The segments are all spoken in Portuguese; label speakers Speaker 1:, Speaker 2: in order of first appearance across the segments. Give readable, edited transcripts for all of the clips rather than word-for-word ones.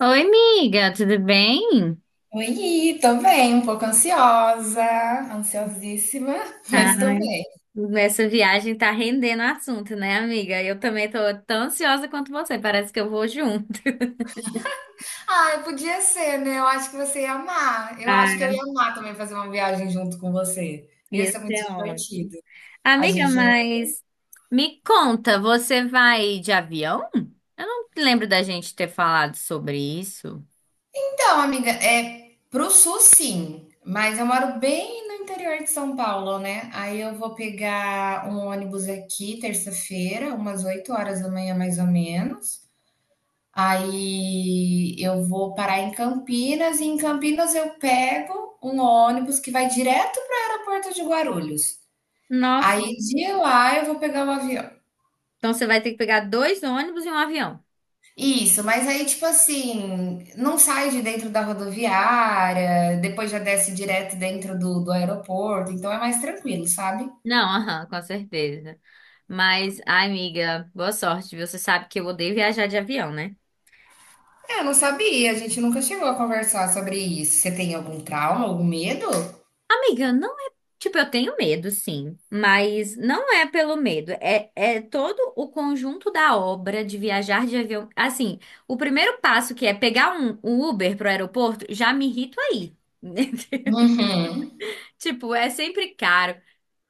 Speaker 1: Oi, amiga, tudo bem?
Speaker 2: Oi, tô bem, um pouco ansiosa, ansiosíssima, mas tô
Speaker 1: Ah,
Speaker 2: bem.
Speaker 1: essa viagem tá rendendo assunto, né, amiga? Eu também tô tão ansiosa quanto você, parece que eu vou junto.
Speaker 2: Ai, podia ser, né? Eu acho que você ia amar. Eu acho que
Speaker 1: Ah,
Speaker 2: eu ia amar também fazer uma viagem junto com você. Ia ser
Speaker 1: isso
Speaker 2: muito
Speaker 1: é ótimo.
Speaker 2: divertido. A
Speaker 1: Amiga,
Speaker 2: gente.
Speaker 1: mas me conta, você vai de avião? Eu não lembro da gente ter falado sobre isso.
Speaker 2: Então, amiga, é pro sul sim, mas eu moro bem no interior de São Paulo, né? Aí eu vou pegar um ônibus aqui terça-feira, umas 8 horas da manhã mais ou menos. Aí eu vou parar em Campinas e em Campinas eu pego um ônibus que vai direto para o aeroporto de Guarulhos.
Speaker 1: Nossa,
Speaker 2: Aí de lá eu vou pegar o avião.
Speaker 1: então você vai ter que pegar dois ônibus e um avião.
Speaker 2: Isso, mas aí tipo assim, não sai de dentro da rodoviária, depois já desce direto dentro do aeroporto, então é mais tranquilo, sabe?
Speaker 1: Não, aham, com certeza. Mas, ai, amiga, boa sorte, viu? Você sabe que eu odeio viajar de avião, né?
Speaker 2: É, eu não sabia, a gente nunca chegou a conversar sobre isso. Você tem algum trauma, algum medo?
Speaker 1: Amiga, não é. Tipo, eu tenho medo, sim, mas não é pelo medo, é todo o conjunto da obra de viajar de avião. Assim, o primeiro passo que é pegar um Uber pro aeroporto, já me irrito aí.
Speaker 2: Uhum.
Speaker 1: Tipo, é sempre caro,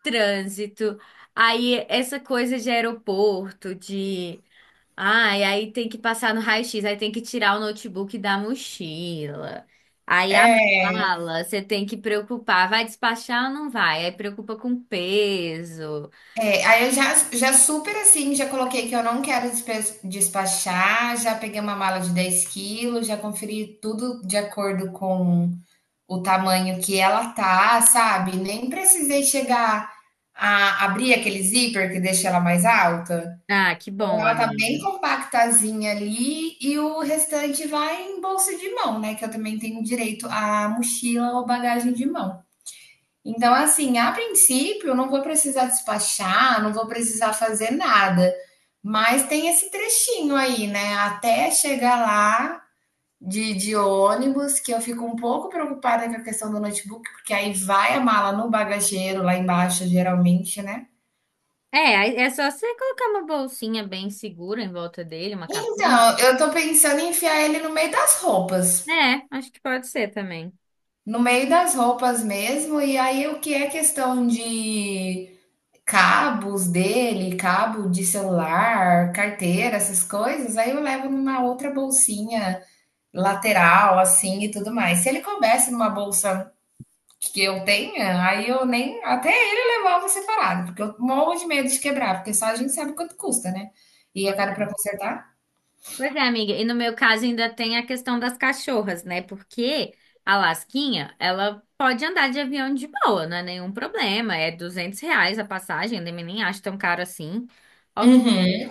Speaker 1: trânsito, aí essa coisa de aeroporto, de ah, e aí tem que passar no raio-x, aí tem que tirar o notebook da mochila. Aí a mala, você tem que preocupar, vai despachar ou não vai? Aí preocupa com peso.
Speaker 2: É, aí eu já, já super assim, já coloquei que eu não quero despachar, já peguei uma mala de 10 quilos, já conferi tudo de acordo com o tamanho que ela tá, sabe? Nem precisei chegar a abrir aquele zíper que deixa ela mais alta.
Speaker 1: Ah, que
Speaker 2: Então,
Speaker 1: bom,
Speaker 2: ela tá bem
Speaker 1: amiga.
Speaker 2: compactazinha ali e o restante vai em bolsa de mão, né? Que eu também tenho direito à mochila ou bagagem de mão. Então, assim, a princípio, eu não vou precisar despachar, não vou precisar fazer nada. Mas tem esse trechinho aí, né? Até chegar lá de ônibus, que eu fico um pouco preocupada com a questão do notebook, porque aí vai a mala no bagageiro lá embaixo, geralmente, né?
Speaker 1: É, aí é só você colocar uma bolsinha bem segura em volta dele, uma capinha.
Speaker 2: Então, eu tô pensando em enfiar ele no meio das roupas.
Speaker 1: É, acho que pode ser também.
Speaker 2: No meio das roupas mesmo, e aí o que é questão de cabos dele, cabo de celular, carteira, essas coisas, aí eu levo numa outra bolsinha lateral, assim e tudo mais. Se ele coubesse numa bolsa que eu tenha, aí eu nem. Até ele levava separado, porque eu morro de medo de quebrar, porque só a gente sabe quanto custa, né? E é caro pra consertar.
Speaker 1: Pois é, amiga. E no meu caso ainda tem a questão das cachorras, né? Porque a Lasquinha, ela pode andar de avião de boa, não é nenhum problema. É R$ 200 a passagem, eu nem acho tão caro assim. Ok.
Speaker 2: Uhum.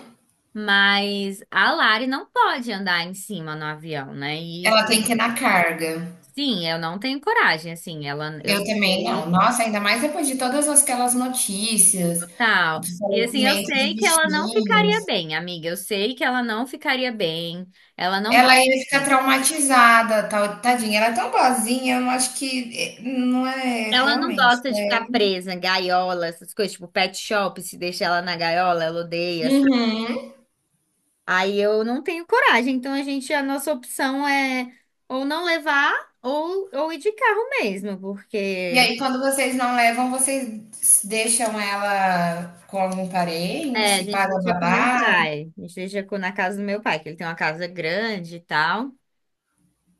Speaker 1: Mas a Lari não pode andar em cima no avião, né?
Speaker 2: Ela tem que ir na carga.
Speaker 1: Sim, eu não tenho coragem, assim. Ela, eu
Speaker 2: Eu também
Speaker 1: sei,
Speaker 2: não. Nossa, ainda mais depois de todas aquelas notícias
Speaker 1: total.
Speaker 2: de
Speaker 1: E assim, eu
Speaker 2: falecimento de
Speaker 1: sei que ela não
Speaker 2: bichinho.
Speaker 1: ficaria bem, amiga. Eu sei que ela não ficaria bem. Ela não.
Speaker 2: Ela ia ficar traumatizada, tal, tadinha. Ela é tão boazinha, eu não acho que eh, não é
Speaker 1: Ela não
Speaker 2: realmente.
Speaker 1: gosta de
Speaker 2: É.
Speaker 1: ficar presa, gaiola, essas coisas, tipo pet shop, se deixa ela na gaiola, ela odeia, sabe?
Speaker 2: Uhum.
Speaker 1: Aí eu não tenho coragem, então a gente, a nossa opção é ou não levar ou ir de carro mesmo,
Speaker 2: E
Speaker 1: porque
Speaker 2: aí, quando vocês não levam, vocês deixam ela com algum
Speaker 1: é, a
Speaker 2: parente,
Speaker 1: gente
Speaker 2: paga
Speaker 1: deixa com meu
Speaker 2: babá?
Speaker 1: pai, a gente deixa na casa do meu pai, que ele tem uma casa grande e tal.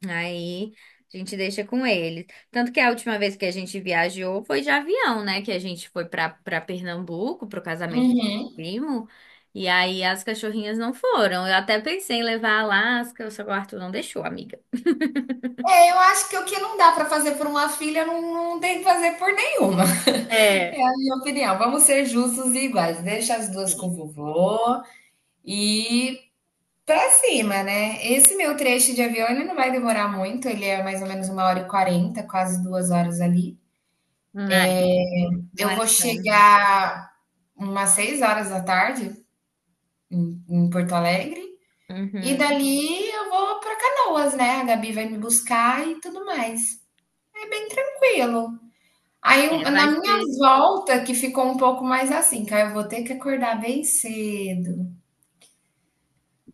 Speaker 1: Aí a gente deixa com eles. Tanto que a última vez que a gente viajou foi de avião, né? Que a gente foi para Pernambuco pro casamento do meu
Speaker 2: Uhum.
Speaker 1: primo. E aí as cachorrinhas não foram. Eu até pensei em levar a Alaska, só que o Arthur não deixou, amiga.
Speaker 2: É, eu acho que o que não dá pra fazer por uma filha, não, não tem que fazer por nenhuma.
Speaker 1: É.
Speaker 2: É a minha opinião. Vamos ser justos e iguais. Deixa as duas com o
Speaker 1: E-
Speaker 2: vovô e pra cima, né? Esse meu trecho de avião, ele não vai demorar muito, ele é mais ou menos 1 hora e 40, quase 2 horas ali.
Speaker 1: Não é, não
Speaker 2: Eu
Speaker 1: é
Speaker 2: vou
Speaker 1: tão, né?
Speaker 2: chegar umas 6 horas da tarde em, em Porto Alegre, e
Speaker 1: Uhum.
Speaker 2: dali eu vou pra Canoas, né? A Gabi vai me buscar e tudo mais. É bem tranquilo. Aí,
Speaker 1: É,
Speaker 2: na
Speaker 1: vai
Speaker 2: minha
Speaker 1: ser.
Speaker 2: volta, que ficou um pouco mais assim, que aí eu vou ter que acordar bem cedo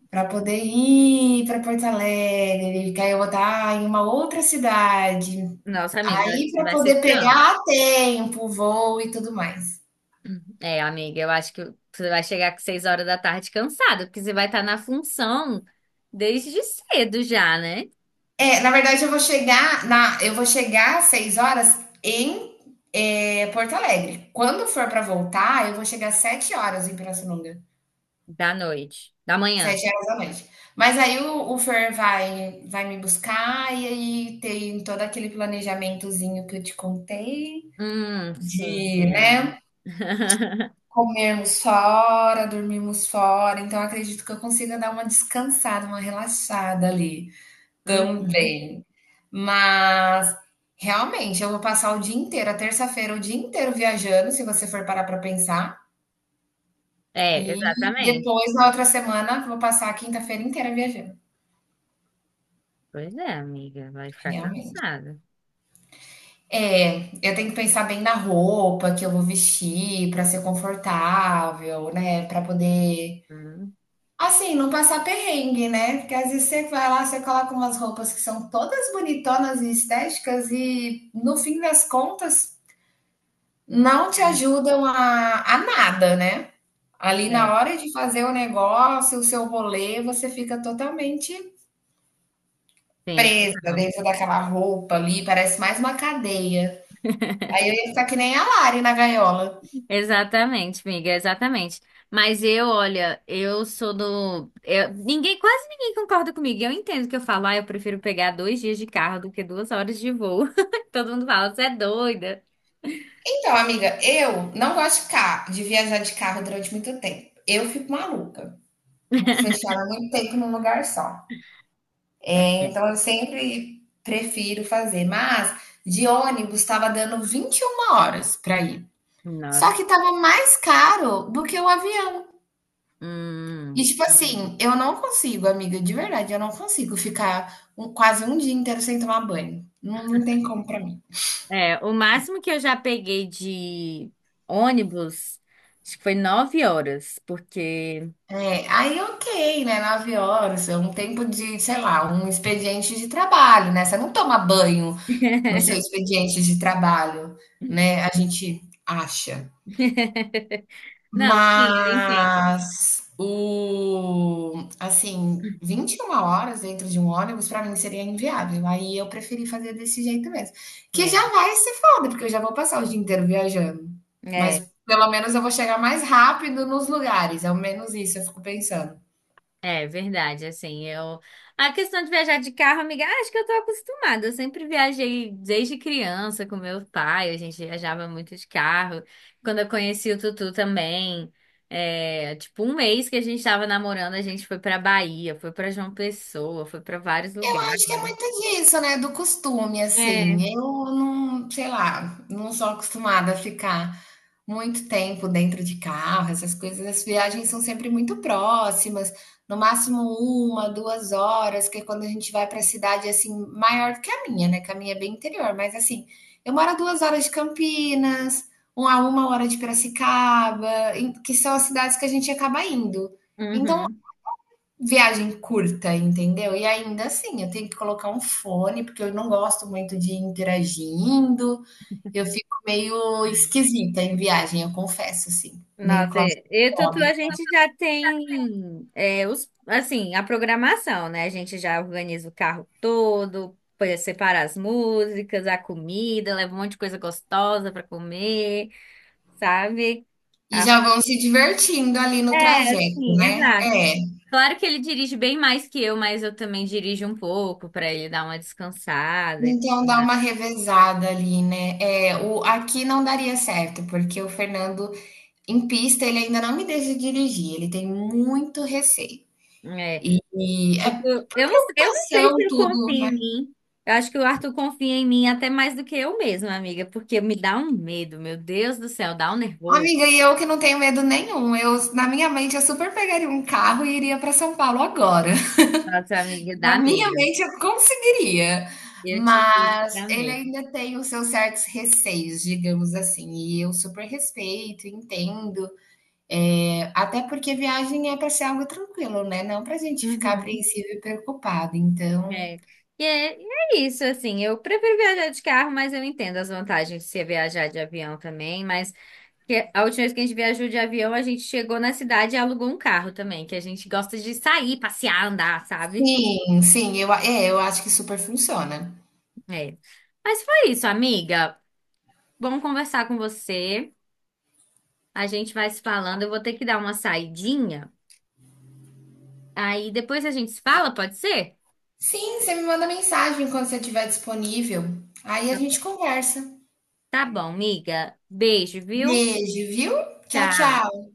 Speaker 2: para poder ir para Porto Alegre, que aí eu vou estar em uma outra cidade.
Speaker 1: Nossa, amiga, eu
Speaker 2: Aí
Speaker 1: acho que
Speaker 2: para
Speaker 1: vai ser
Speaker 2: poder
Speaker 1: trampo.
Speaker 2: pegar a tempo, voo e tudo mais.
Speaker 1: É, amiga, eu acho que você vai chegar com 6 horas da tarde cansada, porque você vai estar na função desde cedo já, né?
Speaker 2: É, na verdade eu vou chegar na, eu vou chegar às 6 horas em Porto Alegre. Quando for para voltar, eu vou chegar às 7 horas em Pirassununga,
Speaker 1: Da noite. Da manhã.
Speaker 2: 7 horas da noite. Mas aí o Fer vai me buscar e aí tem todo aquele planejamentozinho que eu te contei
Speaker 1: Sim.
Speaker 2: de, né, comermos fora, dormirmos fora. Então eu acredito que eu consiga dar uma descansada, uma relaxada ali.
Speaker 1: Uhum.
Speaker 2: Também. Mas realmente eu vou passar o dia inteiro, a terça-feira, o dia inteiro viajando, se você for parar para pensar, e
Speaker 1: É, exatamente.
Speaker 2: depois na outra semana vou passar a quinta-feira inteira viajando,
Speaker 1: Pois é, amiga, vai ficar
Speaker 2: realmente.
Speaker 1: cansada.
Speaker 2: É, eu tenho que pensar bem na roupa que eu vou vestir para ser confortável, né, para poder
Speaker 1: Hum.
Speaker 2: assim, não passar perrengue, né? Porque às vezes você vai lá, você coloca umas roupas que são todas bonitonas e estéticas, e no fim das contas, não te ajudam a nada, né. Ali
Speaker 1: É, é.
Speaker 2: na hora de fazer o negócio, o seu rolê, você fica totalmente
Speaker 1: Sim,
Speaker 2: presa
Speaker 1: total.
Speaker 2: dentro daquela roupa ali, parece mais uma cadeia. Aí eu ia ficar que nem a Lari na gaiola.
Speaker 1: Exatamente, amiga, exatamente. Mas eu, olha, eu sou do. Eu- ninguém, quase ninguém concorda comigo. Eu entendo que eu falo, ah, eu prefiro pegar 2 dias de carro do que 2 horas de voo. Todo mundo fala, você é doida.
Speaker 2: Então amiga, eu não gosto de ca de viajar de carro durante muito tempo. Eu fico maluca, fechada muito tempo num lugar só.
Speaker 1: É.
Speaker 2: Então eu sempre prefiro fazer, mas de ônibus estava dando 21 horas para ir. Só
Speaker 1: Nossa.
Speaker 2: que tava mais caro do que o avião. E
Speaker 1: Hum.
Speaker 2: tipo assim, eu não consigo, amiga, de verdade, eu não consigo ficar quase um dia inteiro sem tomar banho. Não, não tem como pra mim.
Speaker 1: É, o máximo que eu já peguei de ônibus, acho que foi 9 horas, porque.
Speaker 2: É, aí ok, né? 9 horas, é um tempo de, sei lá, um expediente de trabalho, né? Você não toma banho no seu expediente de trabalho, né? A gente acha.
Speaker 1: Não, sim, eu entendo.
Speaker 2: Mas o assim, 21 horas dentro de um ônibus para mim seria inviável, aí eu preferi fazer desse jeito mesmo, que já vai ser foda, porque eu já vou passar o dia inteiro viajando,
Speaker 1: É, é.
Speaker 2: mas pelo menos eu vou chegar mais rápido nos lugares, ao menos isso eu fico pensando.
Speaker 1: É verdade, assim, eu... A questão de viajar de carro, amiga, acho que eu tô acostumada. Eu sempre viajei desde criança com meu pai, a gente viajava muito de carro. Quando eu conheci o Tutu também, é, tipo, um mês que a gente tava namorando, a gente foi pra Bahia, foi pra João Pessoa, foi pra vários
Speaker 2: Eu
Speaker 1: lugares.
Speaker 2: acho que é muito disso, né, do costume, assim,
Speaker 1: É,
Speaker 2: eu não sei lá, não sou acostumada a ficar muito tempo dentro de carro, essas coisas, as viagens são sempre muito próximas, no máximo uma, 2 horas, que é quando a gente vai para cidade, assim, maior do que a minha, né, que a minha é bem interior, mas assim, eu moro a 2 horas de Campinas, um a 1 hora de Piracicaba, em que são as cidades que a gente acaba indo. Então
Speaker 1: uhum.
Speaker 2: viagem curta, entendeu? E ainda assim, eu tenho que colocar um fone, porque eu não gosto muito de ir interagindo. Eu fico meio esquisita em viagem, eu confesso, assim, meio
Speaker 1: Nossa, e Tutu, a
Speaker 2: claustrofóbica.
Speaker 1: gente já tem é, os, assim, a programação, né? A gente já organiza o carro todo, põe- separa as músicas, a comida, leva um monte de coisa gostosa para comer, sabe?
Speaker 2: E
Speaker 1: Ah,
Speaker 2: já vão se divertindo ali no
Speaker 1: é,
Speaker 2: trajeto,
Speaker 1: sim,
Speaker 2: né?
Speaker 1: exato.
Speaker 2: É.
Speaker 1: Claro que ele dirige bem mais que eu, mas eu também dirijo um pouco para ele dar uma descansada e
Speaker 2: Então
Speaker 1: tudo
Speaker 2: dá uma
Speaker 1: mais,
Speaker 2: revezada ali, né? É,
Speaker 1: né?
Speaker 2: o, aqui não daria certo, porque o Fernando, em pista, ele ainda não me deixa dirigir, ele tem muito receio.
Speaker 1: É.
Speaker 2: E é
Speaker 1: Eu não sei
Speaker 2: preocupação,
Speaker 1: se ele
Speaker 2: tudo,
Speaker 1: confia em
Speaker 2: né?
Speaker 1: mim. Eu acho que o Arthur confia em mim até mais do que eu mesma, amiga, porque me dá um medo, meu Deus do céu, dá um nervoso.
Speaker 2: Amiga, e eu que não tenho medo nenhum. Eu, na minha mente, eu super pegaria um carro e iria para São Paulo agora.
Speaker 1: Nossa, amiga,
Speaker 2: Na
Speaker 1: dá
Speaker 2: minha
Speaker 1: medo.
Speaker 2: mente, eu conseguiria.
Speaker 1: Eu te digo que
Speaker 2: Mas
Speaker 1: dá
Speaker 2: ele
Speaker 1: medo.
Speaker 2: ainda tem os seus certos receios, digamos assim. E eu super respeito, entendo. É, até porque viagem é para ser algo tranquilo, né? Não para a gente ficar
Speaker 1: Uhum.
Speaker 2: apreensivo e preocupado. Então,
Speaker 1: É. E é, e é isso, assim, eu prefiro viajar de carro, mas eu entendo as vantagens de você viajar de avião também, mas que a última vez que a gente viajou de avião, a gente chegou na cidade e alugou um carro também, que a gente gosta de sair, passear, andar, sabe?
Speaker 2: sim, sim, eu, é, eu acho que super funciona.
Speaker 1: É. Mas foi isso, amiga. Vamos conversar com você. A gente vai se falando. Eu vou ter que dar uma saidinha. Aí depois a gente se fala, pode ser?
Speaker 2: Sim, você me manda mensagem quando você estiver disponível. Aí a gente conversa.
Speaker 1: Tá bom, amiga. Beijo, viu?
Speaker 2: Beijo, viu? Tchau,
Speaker 1: Tchau.
Speaker 2: tchau.